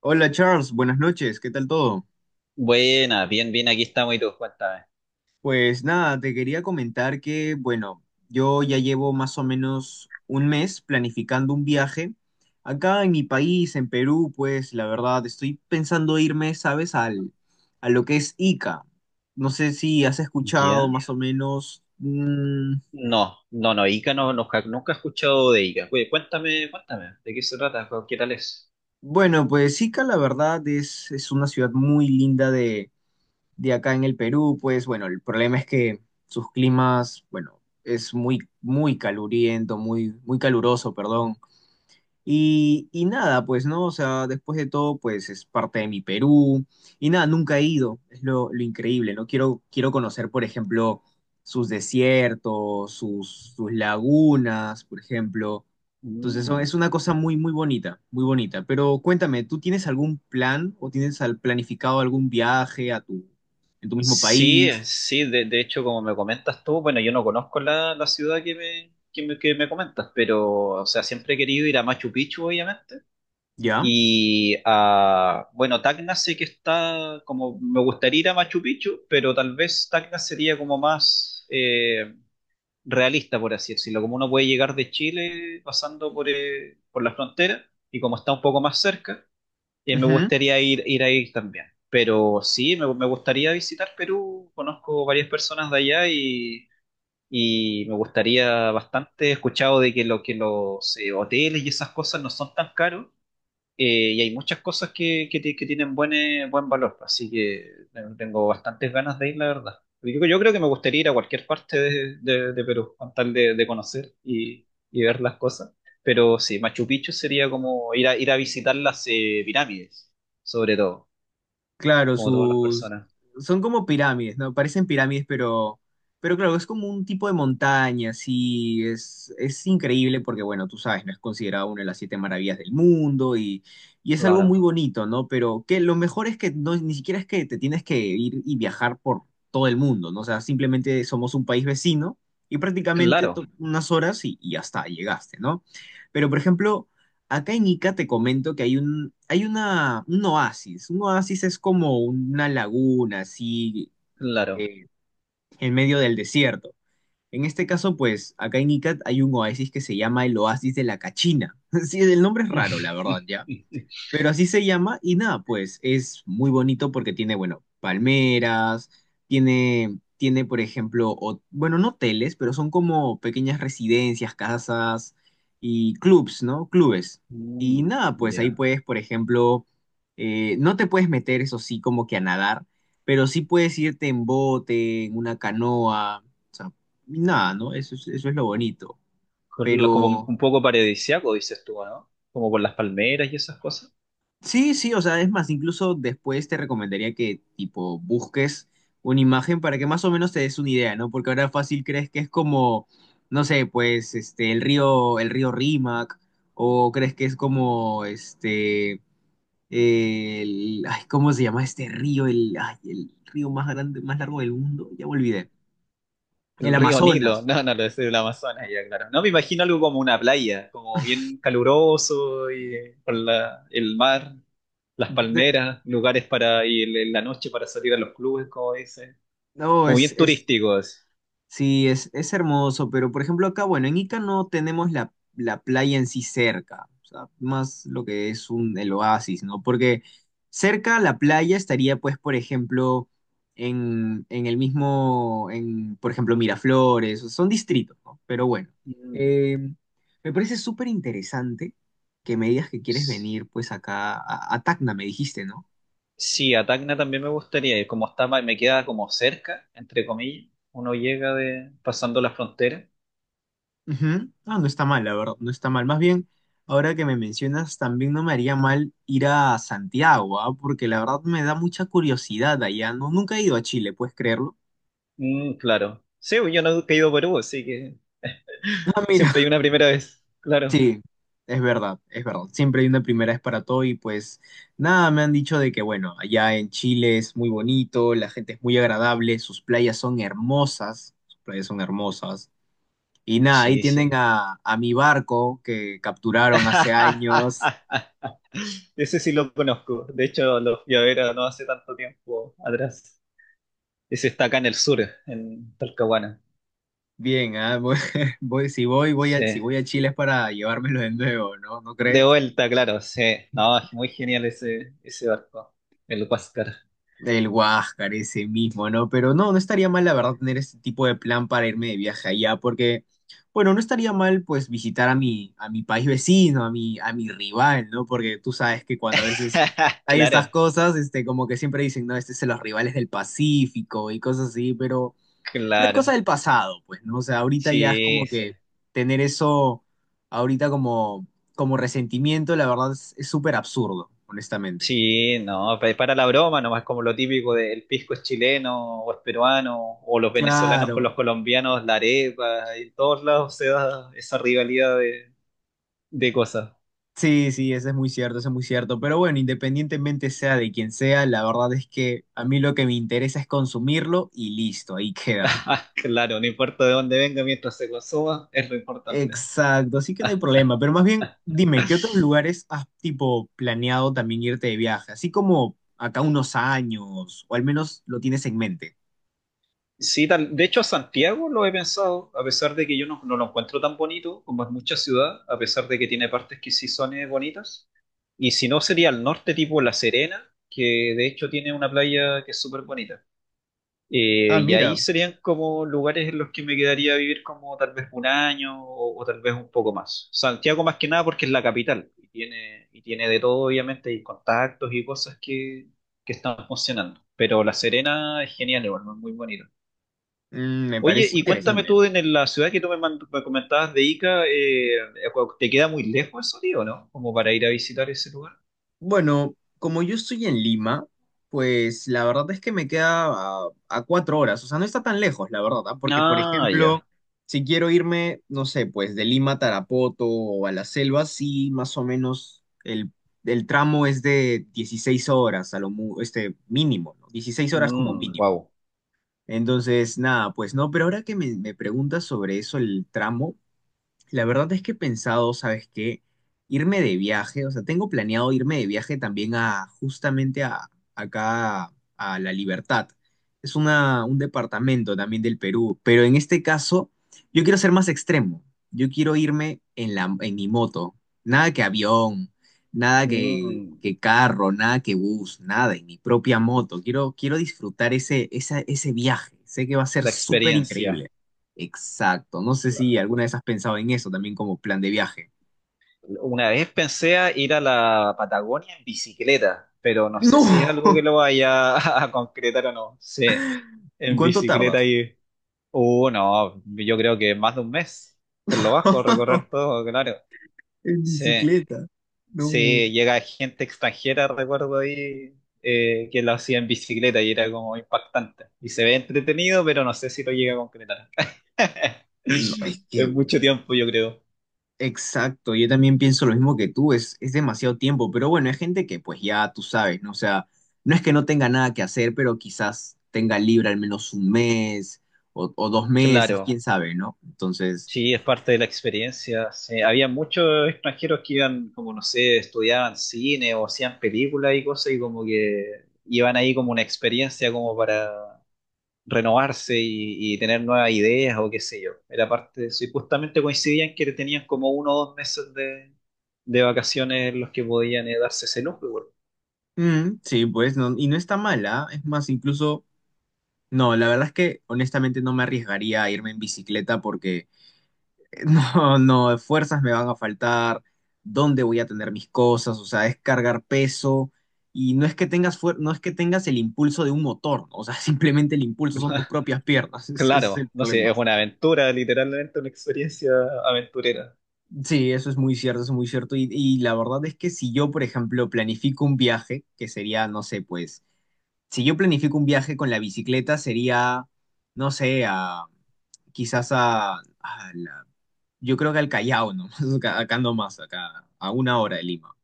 Hola Charles, buenas noches, ¿qué tal todo? Buena, bien, bien, aquí estamos y tú, cuéntame. Pues nada, te quería comentar que, bueno, yo ya llevo más o menos un mes planificando un viaje. Acá en mi país, en Perú, pues la verdad, estoy pensando irme, ¿sabes? Al, a lo que es Ica. No sé si has escuchado ¿Ya? más o menos. No, no, no, Ica no, no, nunca he escuchado de Ica. Oye, cuéntame, cuéntame, ¿de qué se trata? ¿Qué tal es? Bueno, pues Ica, la verdad, es una ciudad muy linda de acá en el Perú, pues bueno, el problema es que sus climas, bueno, es muy, muy caluriento, muy caluroso, perdón. Y nada, pues, ¿no? O sea, después de todo, pues es parte de mi Perú. Y nada, nunca he ido, es lo increíble, ¿no? Quiero conocer, por ejemplo, sus desiertos, sus lagunas, por ejemplo. Entonces, eso Mm. es una cosa muy bonita, muy bonita. Pero cuéntame, ¿tú tienes algún plan o tienes planificado algún viaje a tu, en tu mismo Sí, país? sí, de hecho, como me comentas tú, bueno, yo no conozco la ciudad que me comentas, pero, o sea, siempre he querido ir a Machu Picchu, obviamente, ¿Ya? y a, bueno, Tacna sé que está, como, me gustaría ir a Machu Picchu, pero tal vez Tacna sería como más... realista, por así decirlo, como uno puede llegar de Chile pasando por la frontera y como está un poco más cerca, me Ujú. gustaría ir, ir ahí también. Pero sí, me gustaría visitar Perú, conozco varias personas de allá y me gustaría bastante, he escuchado de que los hoteles y esas cosas no son tan caros, y hay muchas cosas que tienen buen, buen valor, así que tengo bastantes ganas de ir, la verdad. Yo creo que me gustaría ir a cualquier parte de, de Perú, con tal de conocer y ver las cosas. Pero sí, Machu Picchu sería como ir a, ir a visitar las pirámides, sobre todo, Claro, como todas las sus personas. son como pirámides, ¿no? Parecen pirámides, pero claro, es como un tipo de montaña, sí, es increíble porque bueno, tú sabes, no es considerado una de las siete maravillas del mundo y es algo muy Claro, bonito, ¿no? Pero que lo mejor es que no ni siquiera es que te tienes que ir y viajar por todo el mundo, ¿no? O sea, simplemente somos un país vecino y prácticamente claro, unas horas y hasta llegaste, ¿no? Pero por ejemplo, acá en Ica te comento que hay un, hay una, un oasis. Un oasis es como una laguna, así, claro. eh, en medio del desierto. En este caso, pues, acá en Ica hay un oasis que se llama el Oasis de la Cachina. Sí, el nombre es raro, la verdad, ya. Pero así se llama y nada, pues es muy bonito porque tiene, bueno, palmeras, tiene, por ejemplo, bueno, no hoteles, pero son como pequeñas residencias, casas y clubs, ¿no? Clubes. Mm, Y nada, pues ahí ya. puedes, por ejemplo, no te puedes meter, eso sí, como que a nadar, pero sí puedes irte en bote, en una canoa, o sea, y nada, ¿no? Eso es lo bonito. Ah, Como pero... un poco paradisiaco, dices tú, ¿no? Como por las palmeras y esas cosas. Sí, sí, o sea, es más, incluso después te recomendaría que tipo busques una imagen para que más o menos te des una idea, ¿no? Porque ahora fácil crees que es como, no sé, pues este el río Rímac, o crees que es como este el, ay, ¿cómo se llama este río? El, ay, el río más grande, más largo del mundo, ya me olvidé. El El río Nilo, Amazonas. no, no, lo es el Amazonas, ya claro. No me imagino algo como una playa, como bien caluroso y el mar, las De- palmeras, lugares para ir en la noche para salir a los clubes, como dice, no, como es, bien es turísticos. sí, es hermoso, pero por ejemplo acá, bueno, en Ica no tenemos la playa en sí cerca, o sea, más lo que es un, el oasis, ¿no? Porque cerca a la playa estaría, pues, por ejemplo, en el mismo, en, por ejemplo, Miraflores, son distritos, ¿no? Pero bueno, Mm. eh, me parece súper interesante que me digas que quieres venir, pues, acá a Tacna, me dijiste, ¿no? Sí, a Tacna también me gustaría ir, como está, me queda como cerca, entre comillas, uno llega de pasando la frontera. Ujú. Ah, no está mal, la verdad, no está mal. Más bien, ahora que me mencionas, también no me haría mal ir a Santiago, ¿ah? Porque la verdad me da mucha curiosidad allá. No, nunca he ido a Chile, ¿puedes creerlo? Mm, claro. Sí, yo no he ido a Perú, así que Ah, mira, siempre hay una primera vez, claro. sí, es verdad, es verdad. Siempre hay una primera vez para todo y pues nada, me han dicho de que bueno, allá en Chile es muy bonito, la gente es muy agradable, sus playas son hermosas, sus playas son hermosas. Y nada, ahí Sí, tienen sí. A mi barco que capturaron hace años. Ese sí lo conozco. De hecho, lo fui a ver no hace tanto tiempo atrás. Ese está acá en el sur, en Talcahuana. Bien, ah, si voy, voy Sí. a, si voy a Chile es para llevármelo de nuevo, ¿no? ¿No De crees? vuelta, claro, sí. No, es muy genial ese, ese barco, el Huáscar. El Huáscar, ese mismo, ¿no? Pero no, no estaría mal, la verdad, tener este tipo de plan para irme de viaje allá, porque, bueno, no estaría mal, pues, visitar a mi país vecino, a mi rival, ¿no? Porque tú sabes que cuando a veces hay estas Claro, cosas, este, como que siempre dicen, no, este es de los rivales del Pacífico y cosas así, pero... Pero es cosa claro. del pasado, pues, ¿no? O sea, ahorita ya es como Sí, sí. que tener eso ahorita como, como resentimiento, la verdad es súper absurdo, honestamente. Sí, no, para la broma, nomás como lo típico del pisco es chileno o es peruano, o los venezolanos con Claro. los colombianos, la arepa, en todos lados se da esa rivalidad de cosas. Sí, sí, eso es muy cierto, eso es muy cierto. Pero bueno, independientemente sea de quien sea, la verdad es que a mí lo que me interesa es consumirlo y listo, ahí queda. Claro, no importa de dónde venga mientras se consuma, es lo importante. Exacto, así que no hay problema. Pero más bien, dime, ¿qué otros lugares has tipo planeado también irte de viaje? Así como acá unos años, o al menos lo tienes en mente. Sí, tal. De hecho, Santiago lo he pensado, a pesar de que yo no, no lo encuentro tan bonito como es mucha ciudad, a pesar de que tiene partes que sí son bonitas. Y si no, sería al norte, tipo La Serena, que de hecho tiene una playa que es súper bonita. Ah, Y ahí mira. serían como lugares en los que me quedaría a vivir como tal vez un año o tal vez un poco más. Santiago más que nada porque es la capital y tiene de todo, obviamente, y contactos y cosas que están funcionando. Pero La Serena es genial, igual, ¿no? Es muy bonito. Mm, me Oye, parece y cuéntame interesante. tú en la ciudad que tú me comentabas de Ica, ¿te queda muy lejos eso, tío, no? Como para ir a visitar ese lugar. Bueno, como yo estoy en Lima, pues la verdad es que me queda a cuatro horas. O sea, no está tan lejos, la verdad, ¿ah? Porque, por Ah, ejemplo, ya. si quiero irme, no sé, pues de Lima a Tarapoto o a la selva, sí, más o menos el tramo es de 16 horas, a lo este mínimo, ¿no? 16 horas como mínimo. Wow. Entonces, nada, pues no, pero ahora que me preguntas sobre eso, el tramo, la verdad es que he pensado, ¿sabes qué? Irme de viaje, o sea, tengo planeado irme de viaje también a justamente a acá a La Libertad. Es una, un departamento también del Perú, pero en este caso yo quiero ser más extremo. Yo quiero irme en la, en mi moto. Nada que avión, nada La que, que carro, nada que bus, nada, en mi propia moto. Quiero disfrutar ese, ese viaje. Sé que va a ser súper experiencia. increíble. Exacto. No sé si alguna vez has pensado en eso también como plan de viaje. Una vez pensé a ir a la Patagonia en bicicleta, pero no No, sé si es algo que lo vaya a concretar o no. Sí, ¿y en cuánto bicicleta tardas? y... no, yo creo que más de un mes, por lo bajo, recorrer todo, claro. en Sí, bicicleta. No. sí, llega gente extranjera, recuerdo ahí, que lo hacía en bicicleta y era como impactante. Y se ve entretenido, pero no sé si lo llega a concretar. No, es que, Es mucho tiempo, yo creo. exacto, yo también pienso lo mismo que tú, es demasiado tiempo, pero bueno, hay gente que pues ya tú sabes, ¿no? O sea, no es que no tenga nada que hacer, pero quizás tenga libre al menos un mes o dos meses, Claro. quién sabe, ¿no? Entonces, Sí, es parte de la experiencia. Sí. Había muchos extranjeros que iban, como no sé, estudiaban cine o hacían películas y cosas y como que iban ahí como una experiencia como para renovarse y tener nuevas ideas o qué sé yo. Era parte de eso. Y justamente coincidían que tenían como uno o dos meses de vacaciones en los que podían darse ese lujo. Igual. mm, sí, pues, no, y no está mala, es más, incluso... No, la verdad es que honestamente no me arriesgaría a irme en bicicleta porque no, no, fuerzas me van a faltar, dónde voy a tener mis cosas, o sea, es cargar peso y no es que tengas no es que tengas el impulso de un motor, ¿no? O sea, simplemente el impulso son tus propias piernas, ese es el Claro, no sé, problema. es una aventura, literalmente una experiencia aventurera. Sí, eso es muy cierto, eso es muy cierto y la verdad es que si yo, por ejemplo, planifico un viaje, que sería, no sé, pues si yo planifico un viaje con la bicicleta, sería, no sé, a, quizás a, yo creo que al Callao, ¿no? Acá, acá nomás, acá, a una hora de Lima.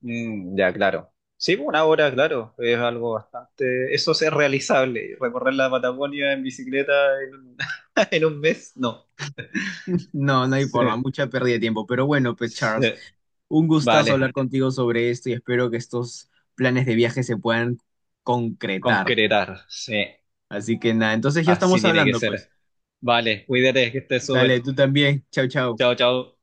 Mm, ya, claro. Sí, pues, una hora, claro, es algo bastante... Eso es realizable. Recorrer la Patagonia en bicicleta en un, en un mes, no. No, no hay Sí, forma, mucha pérdida de tiempo. Pero bueno, pues sí. Charles, un gustazo hablar Vale, contigo sobre esto y espero que estos planes de viaje se puedan concretar, ¿no? concretar, sí. Así que nada, entonces ya Así estamos tiene que hablando, pues. ser. Vale, cuídate, que estés Dale, súper. tú también. Chau, chau. Chao, chao.